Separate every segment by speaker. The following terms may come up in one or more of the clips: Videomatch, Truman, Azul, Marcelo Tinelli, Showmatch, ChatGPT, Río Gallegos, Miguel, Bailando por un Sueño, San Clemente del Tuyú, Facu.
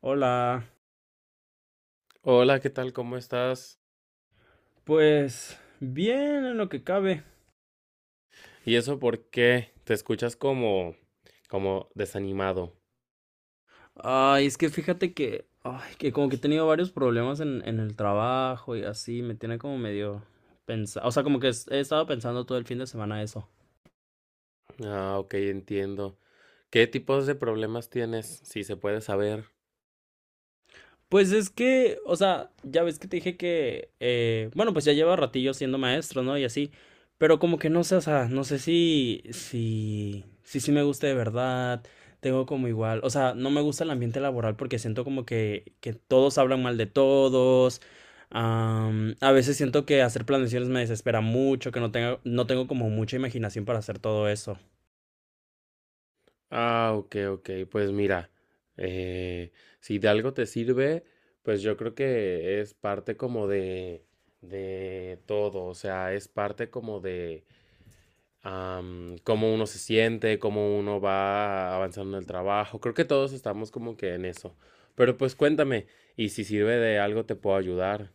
Speaker 1: Hola,
Speaker 2: Hola, ¿qué tal? ¿Cómo estás?
Speaker 1: pues bien en lo que cabe.
Speaker 2: ¿Y eso por qué? Te escuchas como, como desanimado.
Speaker 1: Ay, es que fíjate que, ay, que como que he tenido varios problemas en el trabajo y así, me tiene como medio pensado, o sea, como que he estado pensando todo el fin de semana eso.
Speaker 2: Ah, ok, entiendo. ¿Qué tipos de problemas tienes? Si se puede saber.
Speaker 1: Pues es que, o sea, ya ves que te dije que, bueno, pues ya lleva ratillo siendo maestro, ¿no? Y así, pero como que no sé, o sea, no sé si sí me gusta de verdad. Tengo como igual, o sea, no me gusta el ambiente laboral porque siento como que todos hablan mal de todos. A veces siento que hacer planeaciones me desespera mucho, que no tengo como mucha imaginación para hacer todo eso.
Speaker 2: Ah, ok, ok. Pues mira, eh, si de algo te sirve, pues yo creo que es parte como de todo. O sea, es parte como de, cómo uno se siente, cómo uno va avanzando en el trabajo. Creo que todos estamos como que en eso. Pero pues cuéntame, y si sirve de algo te puedo ayudar.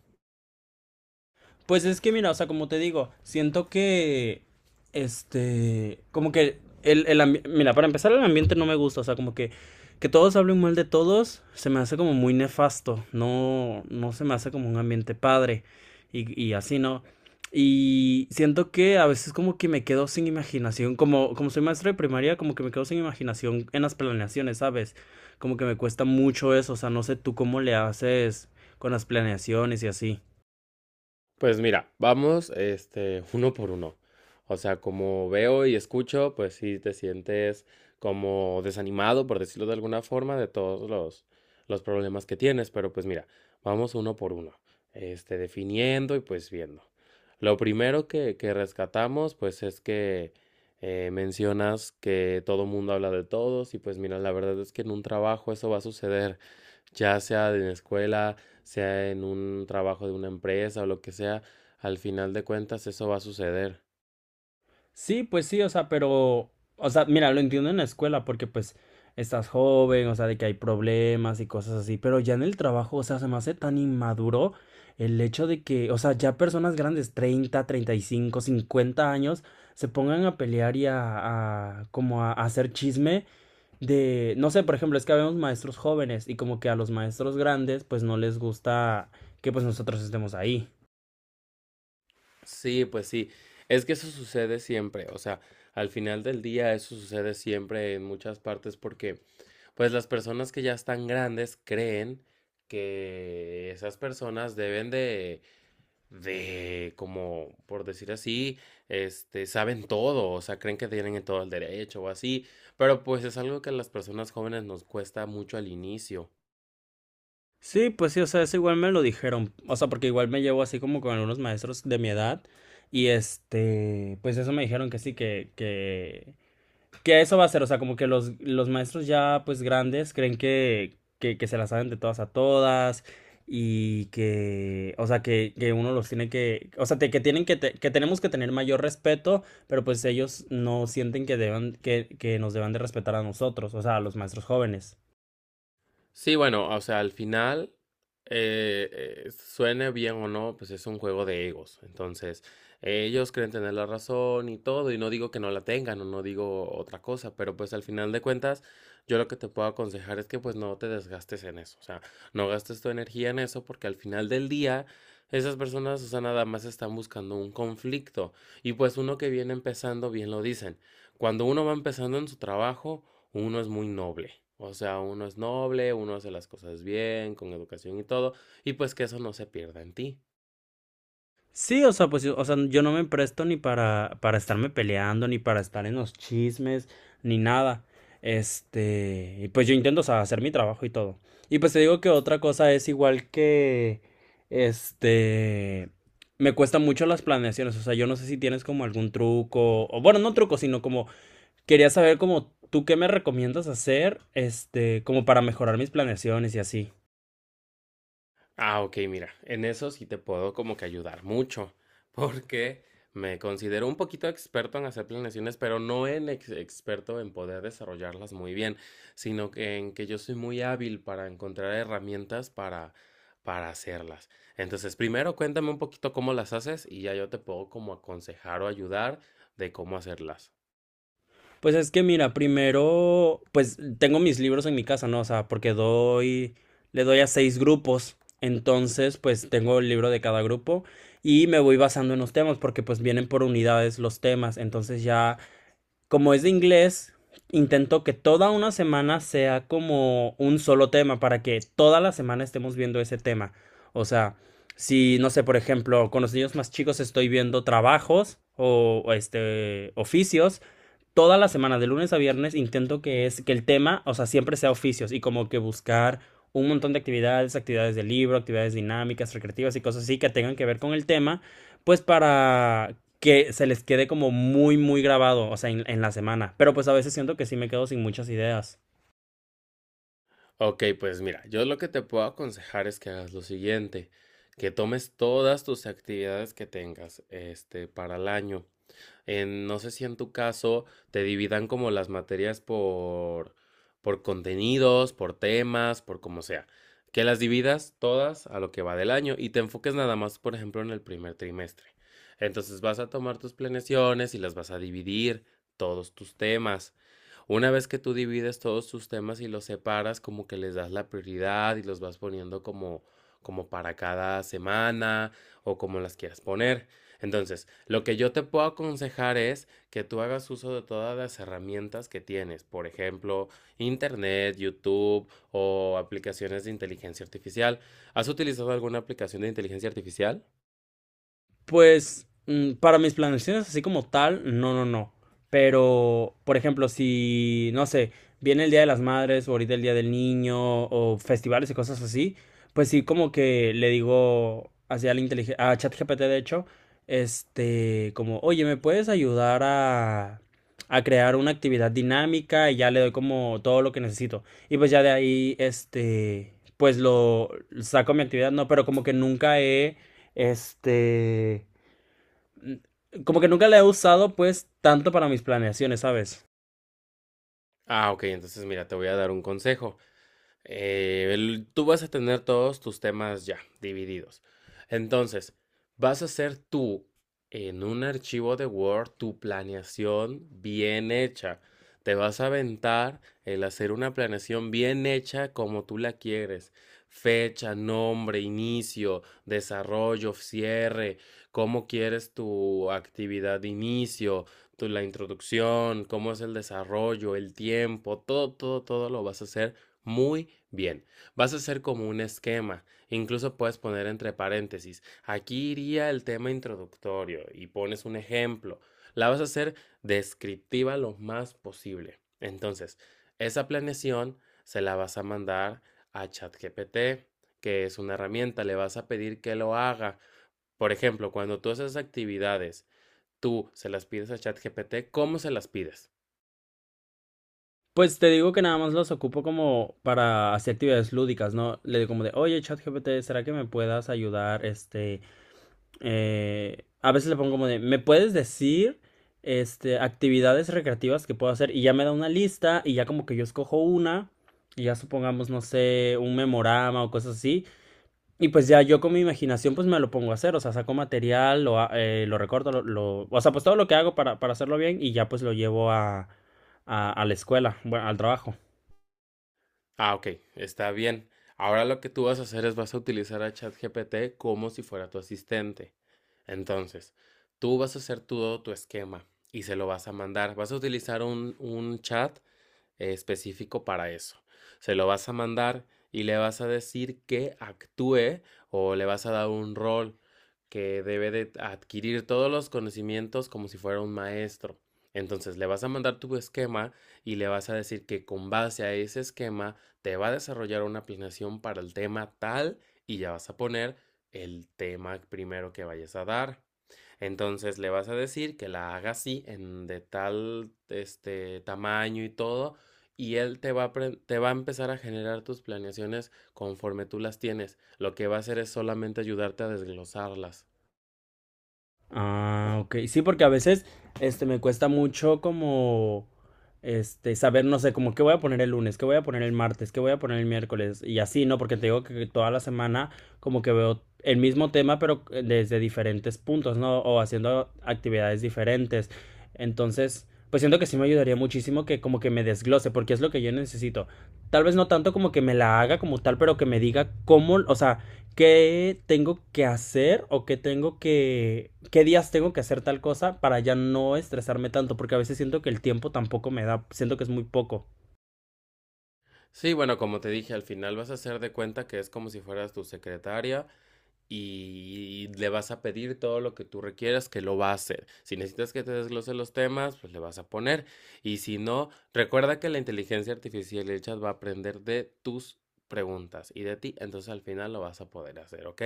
Speaker 1: Pues es que mira, o sea, como te digo, siento que, este, como que mira, para empezar el ambiente no me gusta. O sea, como que todos hablen mal de todos se me hace como muy nefasto. No, no se me hace como un ambiente padre y así, ¿no? Y siento que a veces como que me quedo sin imaginación, como soy maestro de primaria, como que me quedo sin imaginación en las planeaciones, ¿sabes? Como que me cuesta mucho eso, o sea, no sé tú cómo le haces con las planeaciones y así.
Speaker 2: Pues mira, vamos este uno por uno. O sea, como veo y escucho, pues sí te sientes como desanimado, por decirlo de alguna forma, de todos los problemas que tienes. Pero pues mira, vamos uno por uno, este, definiendo y pues viendo. Lo primero que rescatamos, pues es que mencionas que todo mundo habla de todos y pues mira, la verdad es que en un trabajo eso va a suceder ya sea en la escuela, sea en un trabajo de una empresa o lo que sea, al final de cuentas eso va a suceder.
Speaker 1: Sí, pues sí, o sea, pero, o sea, mira, lo entiendo en la escuela porque pues estás joven, o sea, de que hay problemas y cosas así. Pero ya en el trabajo, o sea, se me hace tan inmaduro el hecho de que, o sea, ya personas grandes, 30, 35, 50 años, se pongan a pelear y como a hacer chisme de, no sé, por ejemplo. Es que habemos maestros jóvenes y como que a los maestros grandes pues no les gusta que pues nosotros estemos ahí.
Speaker 2: Sí, pues sí, es que eso sucede siempre, o sea, al final del día eso sucede siempre en muchas partes porque pues las personas que ya están grandes creen que esas personas deben de como por decir así, este saben todo, o sea, creen que tienen todo el derecho o así, pero pues es algo que a las personas jóvenes nos cuesta mucho al inicio.
Speaker 1: Sí, pues sí, o sea, eso igual me lo dijeron, o sea, porque igual me llevo así como con algunos maestros de mi edad y este, pues eso me dijeron que sí, que eso va a ser, o sea, como que los maestros ya pues grandes creen que se las saben de todas a todas. Y que, o sea, que uno los tiene que, o sea, que tienen que, que tenemos que tener mayor respeto, pero pues ellos no sienten que deban, que nos deban de respetar a nosotros, o sea, a los maestros jóvenes.
Speaker 2: Sí, bueno, o sea, al final, suene bien o no, pues es un juego de egos. Entonces, ellos creen tener la razón y todo, y no digo que no la tengan o no digo otra cosa, pero pues al final de cuentas, yo lo que te puedo aconsejar es que pues no te desgastes en eso, o sea, no gastes tu energía en eso porque al final del día. Esas personas, o sea, nada más están buscando un conflicto. Y pues uno que viene empezando, bien lo dicen. Cuando uno va empezando en su trabajo, uno es muy noble. O sea, uno es noble, uno hace las cosas bien, con educación y todo, y pues que eso no se pierda en ti.
Speaker 1: Sí, o sea, pues yo, o sea, yo no me presto ni para estarme peleando, ni para estar en los chismes, ni nada. Este, y pues yo intento, o sea, hacer mi trabajo y todo. Y pues te digo que otra cosa es igual que, este, me cuestan mucho las planeaciones, o sea, yo no sé si tienes como algún truco, o bueno, no truco, sino como, quería saber como tú qué me recomiendas hacer, este, como para mejorar mis planeaciones y así.
Speaker 2: Ah, ok, mira, en eso sí te puedo como que ayudar mucho, porque me considero un poquito experto en hacer planeaciones, pero no en experto en poder desarrollarlas muy bien, sino que en que yo soy muy hábil para encontrar herramientas para hacerlas. Entonces, primero cuéntame un poquito cómo las haces y ya yo te puedo como aconsejar o ayudar de cómo hacerlas.
Speaker 1: Pues es que mira, primero, pues tengo mis libros en mi casa, ¿no? O sea, porque le doy a seis grupos. Entonces, pues tengo el libro de cada grupo y me voy basando en los temas porque pues vienen por unidades los temas. Entonces ya, como es de inglés, intento que toda una semana sea como un solo tema para que toda la semana estemos viendo ese tema. O sea, si, no sé, por ejemplo, con los niños más chicos estoy viendo trabajos o oficios toda la semana, de lunes a viernes. Intento que es que el tema, o sea, siempre sea oficios y como que buscar un montón de actividades, actividades de libro, actividades dinámicas, recreativas y cosas así que tengan que ver con el tema, pues para que se les quede como muy, muy grabado, o sea, en la semana. Pero pues a veces siento que sí me quedo sin muchas ideas.
Speaker 2: Ok, pues mira, yo lo que te puedo aconsejar es que hagas lo siguiente, que tomes todas tus actividades que tengas, este, para el año en, no sé si en tu caso te dividan como las materias por contenidos, por temas, por como sea. Que las dividas todas a lo que va del año y te enfoques nada más, por ejemplo, en el primer trimestre. Entonces vas a tomar tus planeaciones y las vas a dividir, todos tus temas. Una vez que tú divides todos tus temas y los separas, como que les das la prioridad y los vas poniendo como, como para cada semana o como las quieras poner. Entonces, lo que yo te puedo aconsejar es que tú hagas uso de todas las herramientas que tienes, por ejemplo, Internet, YouTube o aplicaciones de inteligencia artificial. ¿Has utilizado alguna aplicación de inteligencia artificial?
Speaker 1: Pues para mis planeaciones así como tal, no, no, no. Pero, por ejemplo, si, no sé, viene el Día de las Madres o ahorita el Día del Niño o festivales y cosas así, pues sí, como que le digo hacia la inteligencia, a ChatGPT de hecho, este, como, oye, ¿me puedes ayudar a crear una actividad dinámica? Y ya le doy como todo lo que necesito. Y pues ya de ahí, este, pues lo saco mi actividad, no, pero como que nunca he este, como que nunca la he usado pues tanto para mis planeaciones, ¿sabes?
Speaker 2: Ah, ok, entonces mira, te voy a dar un consejo. Tú vas a tener todos tus temas ya divididos. Entonces, vas a hacer tú en un archivo de Word tu planeación bien hecha. Te vas a aventar el hacer una planeación bien hecha como tú la quieres. Fecha, nombre, inicio, desarrollo, cierre, cómo quieres tu actividad de inicio, tu, la introducción, cómo es el desarrollo, el tiempo, todo, todo, todo lo vas a hacer muy bien. Vas a hacer como un esquema. Incluso puedes poner entre paréntesis. Aquí iría el tema introductorio y pones un ejemplo. La vas a hacer descriptiva lo más posible. Entonces, esa planeación se la vas a mandar a ChatGPT, que es una herramienta. Le vas a pedir que lo haga. Por ejemplo, cuando tú haces actividades, tú se las pides a ChatGPT, ¿cómo se las pides?
Speaker 1: Pues te digo que nada más los ocupo como para hacer actividades lúdicas, ¿no? Le digo como de, oye, ChatGPT, ¿será que me puedas ayudar? A veces le pongo como de, ¿me puedes decir, este, actividades recreativas que puedo hacer? Y ya me da una lista y ya como que yo escojo una y ya supongamos, no sé, un memorama o cosas así. Y pues ya yo con mi imaginación pues me lo pongo a hacer, o sea, saco material, lo recorto, o sea, pues todo lo que hago para hacerlo bien y ya pues lo llevo a, a la escuela, bueno, al trabajo.
Speaker 2: Ah, ok, está bien. Ahora lo que tú vas a hacer es vas a utilizar a ChatGPT como si fuera tu asistente. Entonces, tú vas a hacer todo tu esquema y se lo vas a mandar. Vas a utilizar un chat específico para eso. Se lo vas a mandar y le vas a decir que actúe o le vas a dar un rol que debe de adquirir todos los conocimientos como si fuera un maestro. Entonces le vas a mandar tu esquema y le vas a decir que con base a ese esquema te va a desarrollar una planeación para el tema tal y ya vas a poner el tema primero que vayas a dar. Entonces le vas a decir que la haga así en de tal este tamaño y todo y él te va a, te va a empezar a generar tus planeaciones conforme tú las tienes. Lo que va a hacer es solamente ayudarte a desglosarlas.
Speaker 1: Ah, ok. Sí, porque a veces este me cuesta mucho como este saber, no sé, como qué voy a poner el lunes, qué voy a poner el martes, qué voy a poner el miércoles y así, ¿no? Porque te digo que toda la semana como que veo el mismo tema pero desde diferentes puntos, ¿no? O haciendo actividades diferentes. Entonces, pues siento que sí me ayudaría muchísimo que como que me desglose porque es lo que yo necesito. Tal vez no tanto como que me la haga como tal, pero que me diga cómo, o sea, qué tengo que hacer o qué días tengo que hacer tal cosa para ya no estresarme tanto, porque a veces siento que el tiempo tampoco me da, siento que es muy poco.
Speaker 2: Sí, bueno, como te dije, al final vas a hacer de cuenta que es como si fueras tu secretaria y le vas a pedir todo lo que tú requieras que lo va a hacer. Si necesitas que te desglose los temas, pues le vas a poner. Y si no, recuerda que la inteligencia artificial y el chat va a aprender de tus preguntas y de ti, entonces al final lo vas a poder hacer, ¿ok?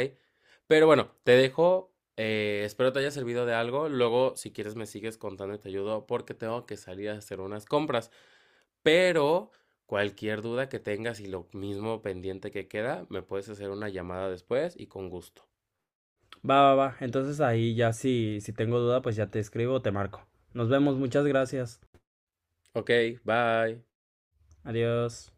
Speaker 2: Pero bueno, te dejo. Espero te haya servido de algo. Luego, si quieres, me sigues contando y te ayudo porque tengo que salir a hacer unas compras. Pero cualquier duda que tengas y lo mismo pendiente que queda, me puedes hacer una llamada después y con gusto.
Speaker 1: Va, va, va. Entonces ahí ya si tengo duda, pues ya te escribo o te marco. Nos vemos, muchas gracias.
Speaker 2: Ok, bye.
Speaker 1: Adiós.